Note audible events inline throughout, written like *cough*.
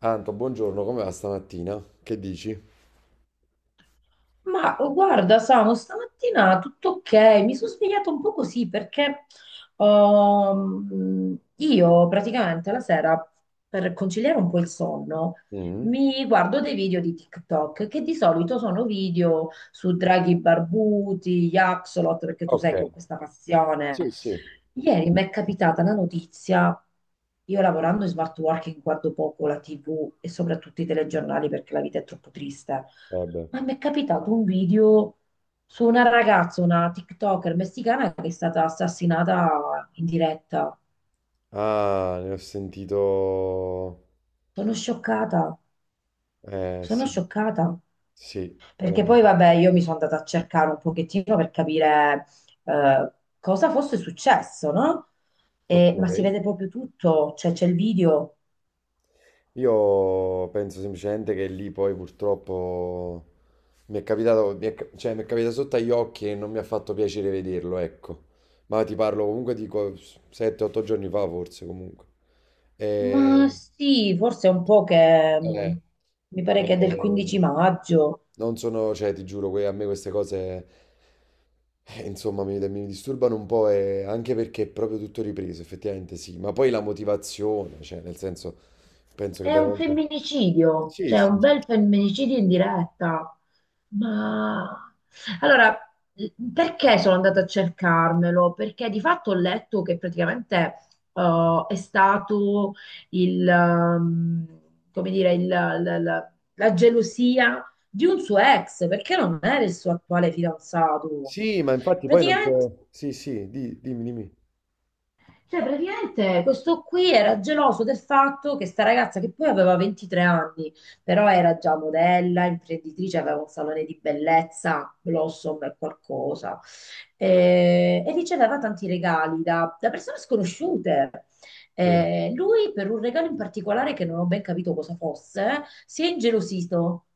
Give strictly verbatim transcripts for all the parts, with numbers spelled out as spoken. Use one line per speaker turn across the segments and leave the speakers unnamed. Anto, buongiorno, come va stamattina? Che dici?
Ma oh, guarda, Samu, stamattina tutto ok, mi sono svegliata un po' così perché ehm, io praticamente la sera per conciliare un po' il sonno
Mm.
mi guardo dei video di TikTok che di solito sono video su draghi barbuti, gli Axolot, perché tu
Ok,
sai che ho questa passione.
sì, sì.
Ieri mi è capitata la notizia, io lavorando in smart working guardo poco la T V e soprattutto i telegiornali perché la vita è troppo triste,
Vabbè.
ma mi è capitato un video su una ragazza, una TikToker messicana che è stata assassinata in diretta.
Ah, ne ho sentito.
Sono scioccata,
Eh,
sono
sì,
scioccata,
sì. Eh,
perché poi vabbè io mi sono andata a cercare un pochettino per capire eh, cosa fosse successo, no?
ok.
E- ma si vede proprio tutto, cioè c'è il video.
Io penso semplicemente che lì poi purtroppo mi è capitato, mi è, ca- cioè mi è capitato sotto agli occhi e non mi ha fatto piacere vederlo, ecco. Ma ti parlo comunque di sette otto giorni fa forse comunque.
Ma
E...
sì, forse è un po' che
Eh,
mh, mi pare
eh,
che è del quindici maggio.
non sono, cioè, ti giuro, que- a me queste cose, eh, insomma, mi, mi disturbano un po', e anche perché è proprio tutto ripreso, effettivamente sì, ma poi la motivazione, cioè, nel senso, penso che
È un
veramente.
femminicidio,
Sì,
cioè
sì.
un bel femminicidio in diretta. Ma allora, mm, perché sono andata a cercarmelo? Perché di fatto ho letto che praticamente eh, è stato il, ehm, come dire, il- la, la- la gelosia di un suo ex, perché non era il suo attuale fidanzato.
Sì, ma infatti poi non
Praticamente
c'è. Sì, sì, di- dimmi, dimmi.
Cioè, praticamente questo qui era geloso del fatto che sta ragazza, che poi aveva ventitré anni, però era già modella, imprenditrice, aveva un salone di bellezza, Blossom e qualcosa, eh, e riceveva tanti regali da, da persone sconosciute.
Sì,
Eh, lui, per un regalo in particolare che non ho ben capito cosa fosse, si è ingelosito.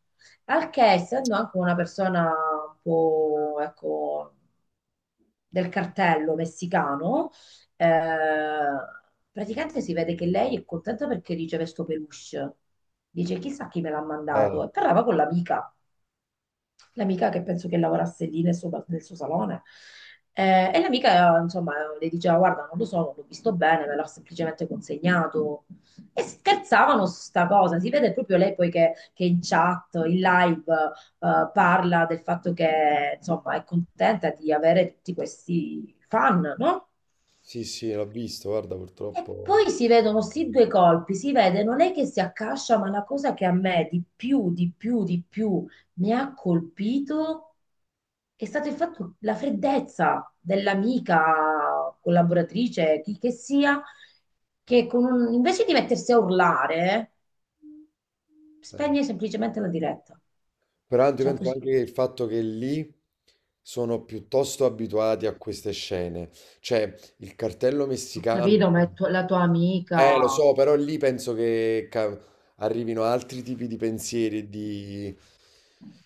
Al che, essendo anche una persona un po', ecco, del cartello messicano, eh, praticamente si vede che lei è contenta perché riceve sto peluche. Dice, chissà chi me l'ha
eh,
mandato. E parlava con l'amica, l'amica che penso che lavorasse lì nel suo, nel suo salone. Eh, e l'amica, insomma, le diceva, guarda, non lo so, non l'ho visto bene, me l'ha semplicemente consegnato. E scherzavano su sta cosa. Si vede proprio lei poi che, che in chat, in live, eh, parla del fatto che, insomma, è contenta di avere tutti questi fan, no?
sì, sì, l'ho visto, guarda,
E
purtroppo.
poi si vedono sì due colpi, si vede, non è che si accascia, ma la cosa che a me di più, di più, di più mi ha colpito è stato il fatto, la freddezza dell'amica collaboratrice, chi che sia, che con un- invece di mettersi a urlare,
Eh.
spegne semplicemente la diretta.
Peraltro io
Cioè
penso
così.
anche che il fatto che lì sono piuttosto abituati a queste scene, cioè il cartello
Ho capito,
messicano,
ma è tu- la tua
eh lo
amica.
so, però lì penso che ca- arrivino altri tipi di pensieri e di,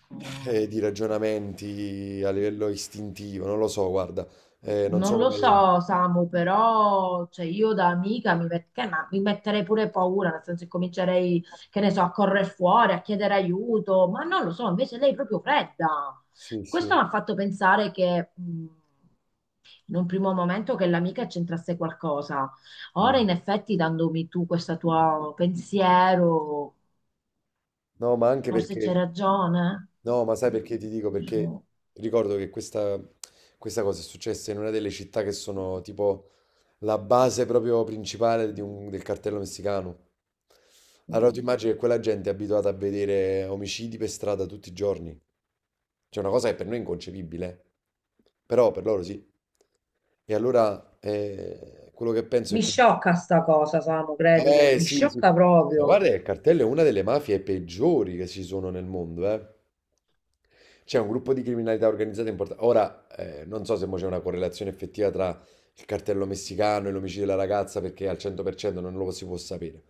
Mm.
eh, di ragionamenti a livello istintivo, non lo so, guarda, eh, non
Non
so
lo
come.
so, Samu, però cioè, io da amica mi, met- che- ma mi metterei pure paura, nel senso che comincerei, che ne so, a correre fuori, a chiedere aiuto, ma non lo so, invece lei è proprio fredda.
Sì, sì.
Questo mi ha fatto pensare che mh, in un primo momento che l'amica c'entrasse qualcosa. Ora,
Mm.
in effetti, dandomi tu questo tuo pensiero,
No, ma anche
forse
perché,
c'è ragione.
no, ma sai perché ti dico? Perché
Non
ricordo che questa, questa cosa è successa in una delle città che sono tipo la base proprio principale di un- del cartello messicano. Allora
so.
tu immagini che quella gente è abituata a vedere omicidi per strada tutti i giorni. C'è una cosa che per noi è inconcepibile, eh, però per loro sì. E allora eh, quello che penso è
Mi
che.
sciocca sta cosa, Samu, credimi,
Eh
mi
sì, sì.
sciocca
Ma
proprio.
guarda, che il cartello è una delle mafie peggiori che ci sono nel mondo, eh. C'è un gruppo di criminalità organizzata importante. Ora, eh, non so se mo c'è una correlazione effettiva il cartello messicano e l'omicidio della ragazza perché al cento per cento non lo si può sapere.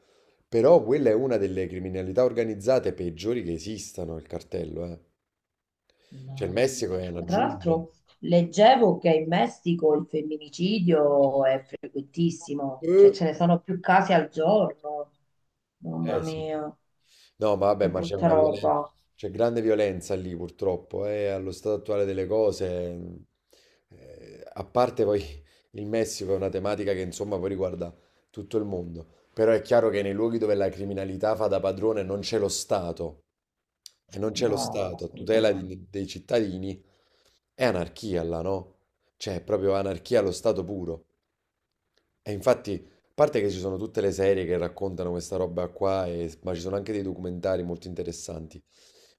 Però quella è una delle criminalità organizzate peggiori che esistano, il cartello, eh. Cioè il
Mamma
Messico
mia.
è una
Ma tra
giungla.
l'altro leggevo che in Messico il femminicidio è frequentissimo, cioè
Eh,
ce ne sono più casi al giorno. Mamma
eh sì.
mia,
No, ma vabbè,
che
ma c'è
brutta
una violenza,
roba.
c'è grande violenza lì purtroppo, eh, allo stato attuale delle cose, mh, eh, a parte poi *laughs* il Messico è una tematica che insomma poi riguarda tutto il mondo, però è chiaro che nei luoghi dove la criminalità fa da padrone non c'è lo Stato e non c'è lo
No,
Stato a tutela
assolutamente.
di- dei cittadini, è anarchia là, no? Cioè, è proprio anarchia allo stato puro. E infatti, a parte che ci sono tutte le serie che raccontano questa roba qua, e- ma ci sono anche dei documentari molto interessanti.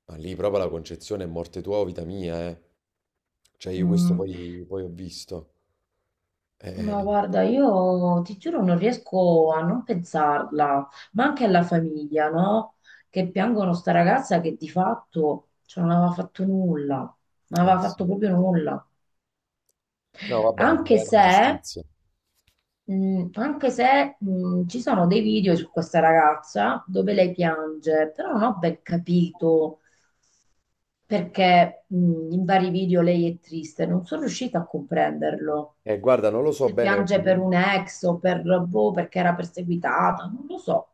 Ma lì proprio la concezione è morte tua o vita mia, eh. Cioè, io questo
Mm.
poi, poi ho visto.
Ma
Eh,
guarda, io ti giuro non riesco a non pensarla, ma anche alla famiglia, no? Che piangono sta ragazza che di fatto cioè, non aveva fatto nulla, non
eh,
aveva fatto
sì.
proprio nulla.
No, vabbè,
Anche
grande
se,
giustizia.
mh, anche se mh, ci sono dei video su questa ragazza dove lei piange, però non ho ben capito perché mh, in vari video lei è triste, non sono riuscita a comprenderlo.
Eh, guarda, non lo so
Se
bene perché.
piange per un ex o per, boh, perché era perseguitata, non lo so.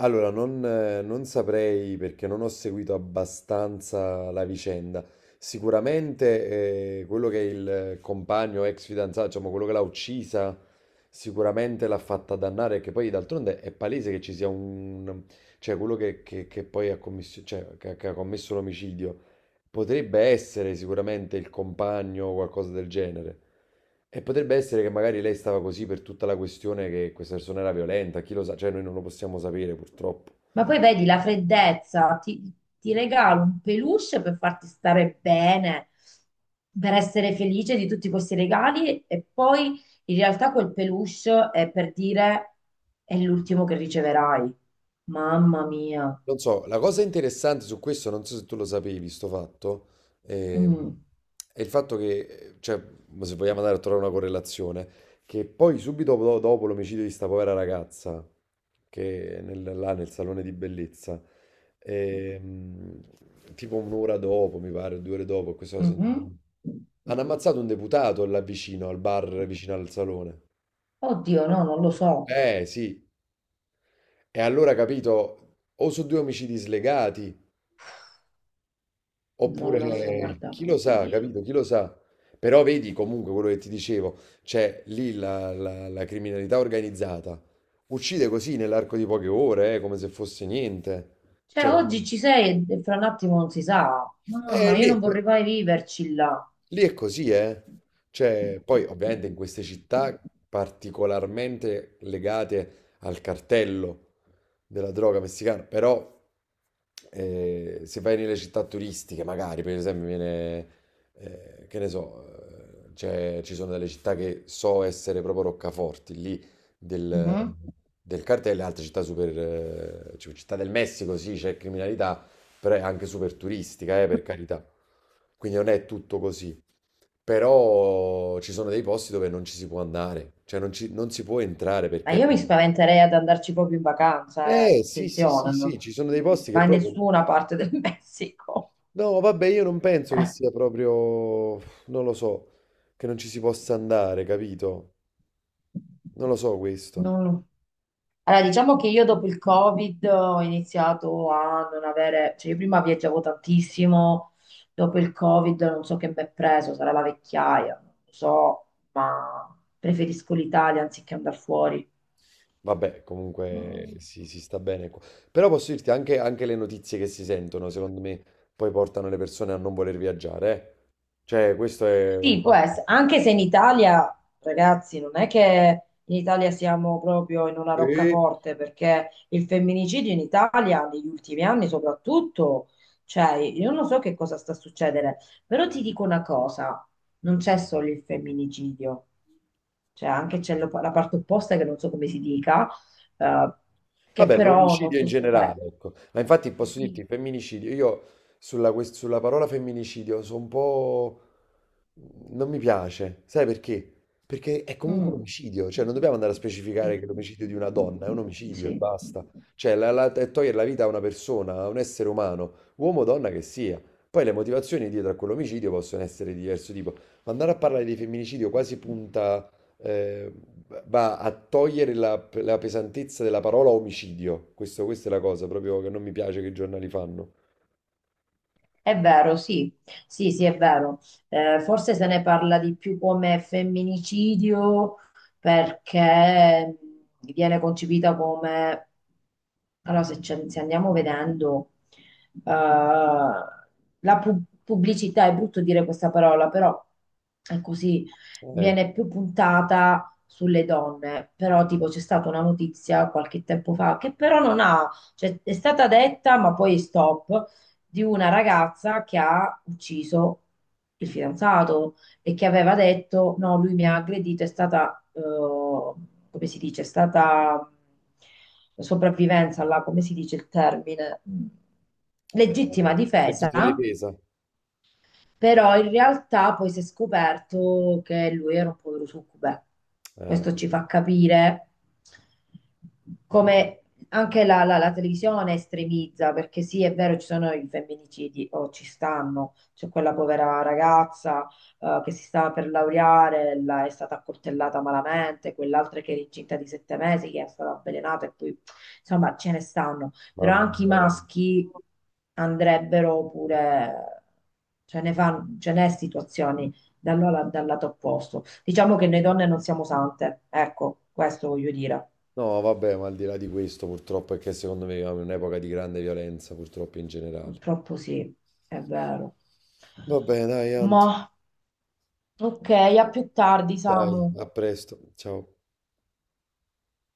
Allora, non, eh, non saprei perché non ho seguito abbastanza la vicenda. Sicuramente eh, quello che è il compagno, ex fidanzato, diciamo quello che l'ha uccisa, sicuramente l'ha fatta dannare, perché poi d'altronde è palese che ci sia un. Cioè quello che, che- che poi ha commesso, cioè, che- che ha commesso l'omicidio potrebbe essere sicuramente il compagno o qualcosa del genere. E potrebbe essere che magari lei stava così per tutta la questione che questa persona era violenta, chi lo sa, cioè noi non lo possiamo sapere purtroppo.
Ma poi vedi la freddezza, ti, ti regalo un peluche per farti stare bene, per essere felice di tutti questi regali e poi in realtà quel peluche è per dire è l'ultimo che riceverai. Mamma mia.
Non so, la cosa interessante su questo, non so se tu lo sapevi, sto fatto, eh,
Mm.
è il fatto che, eh, cioè, ma se vogliamo andare a trovare una correlazione, che poi subito do- dopo, l'omicidio di sta povera ragazza, che è nel- là nel salone di bellezza, ehm, tipo un'ora dopo, mi pare, due ore dopo, questo l'ho sentito,
Mhm.
hanno ammazzato un deputato là vicino, al bar vicino al salone.
Oddio, no, non lo so,
Eh sì, e allora capito, o su due omicidi slegati,
non lo so,
oppure,
guarda,
chi lo
mamma
sa,
mia.
capito? Chi lo sa? Però vedi comunque quello che ti dicevo, cioè lì la, la- la criminalità organizzata uccide così nell'arco di poche ore, eh, come se fosse niente.
Cioè,
Cioè, vabbè.
oggi ci sei e fra un attimo non si sa.
Eh,
Mamma, io
lì è,
non vorrei mai viverci là.
Lì è così, eh? Cioè, poi ovviamente in queste città particolarmente legate al cartello della droga messicana, però eh, se vai nelle città turistiche, magari, per esempio, viene, eh, che ne so, eh, c'è- ci sono delle città che so essere proprio roccaforti, lì del,
Mhm.
del cartello, e altre città super, eh, cioè, città del Messico, sì, c'è criminalità, però è anche super turistica, eh, per carità. Quindi non è tutto così. Però ci sono dei posti dove non ci si può andare, cioè non, ci- non si può entrare
Ma
perché.
io mi spaventerei ad andarci proprio in vacanza, eh.
Eh, sì, sì, sì,
Attenzione,
sì,
non
ci sono dei posti che
mai
proprio.
nessuna parte del *laughs* Messico.
No, vabbè, io non penso che sia proprio. Non lo so, che non ci si possa andare, capito? Non lo so questo.
Non- Allora, diciamo che io dopo il Covid ho iniziato a non avere, cioè io prima viaggiavo tantissimo, dopo il Covid non so che mi è preso, sarà la vecchiaia, non lo so, ma preferisco l'Italia anziché andare fuori.
Vabbè, comunque
Mm.
si, si sta bene qua. Però posso dirti anche, anche le notizie che si sentono, secondo me, poi portano le persone a non voler viaggiare, eh. Cioè, questo è un
Sì, può
fatto.
essere, anche se in Italia, ragazzi, non è che in Italia siamo proprio in una
Sì.
roccaforte, perché il femminicidio in Italia, negli ultimi anni soprattutto, cioè, io non so che cosa sta succedendo, però ti dico una cosa, non c'è solo il femminicidio, cioè anche c'è lo- la parte opposta che non so come si dica, eh, che
Vabbè,
però
l'omicidio in
molto spesso.
generale, ecco. Ma infatti posso dirti,
Sì.
il femminicidio, io sulla, quest- sulla parola femminicidio sono un po'. Non mi piace, sai perché? Perché è comunque un
Mm.
omicidio, cioè non dobbiamo andare a specificare
Sì.
che l'omicidio di una donna è un omicidio e
Sì.
basta. Cioè, la, la- è togliere la vita a una persona, a un essere umano, uomo o donna che sia. Poi le motivazioni dietro a quell'omicidio possono essere di diverso tipo. Ma andare a parlare di femminicidio quasi punta, eh, va a togliere la, la pesantezza della parola omicidio. Questo- questa è la cosa proprio che non mi piace che i giornali fanno.
È vero, sì, sì, sì, è vero. Eh, forse se ne parla di più come femminicidio perché viene concepita come. Allora, se, ci- se andiamo vedendo, eh, la pu- pubblicità, è brutto dire questa parola, però è così,
Eh,
viene più puntata sulle donne, però tipo c'è stata una notizia qualche tempo fa che però non ha, cioè è stata detta ma poi stop di una ragazza che ha ucciso il fidanzato e che aveva detto no, lui mi ha aggredito, è stata, eh, come si dice, è stata sopravvivenza, là, come si dice il termine,
eh,
legittima difesa
legittima difesa.
però in realtà poi si è scoperto che lui era un povero succube.
Eh.
Questo ci fa capire come anche la, la- la televisione estremizza, perché sì, è vero, ci sono i femminicidi, o ci stanno, c'è quella povera ragazza eh, che si stava per laureare, la- è stata accoltellata malamente, quell'altra che era incinta di sette mesi, che è stata avvelenata, e poi insomma ce ne stanno però
Mamma
anche
mia,
i
veramente.
maschi andrebbero pure, ce ne fan- ce n'è situazioni dal, la- dal lato opposto. Diciamo che noi donne non siamo sante, ecco, questo voglio dire.
No, vabbè, ma al di là di questo, purtroppo è che secondo me viviamo in un'epoca di grande violenza, purtroppo in generale.
Purtroppo sì, è vero.
Va bene, dai, Ant.
Ma ok, a più tardi,
Dai,
Samu.
a presto. Ciao.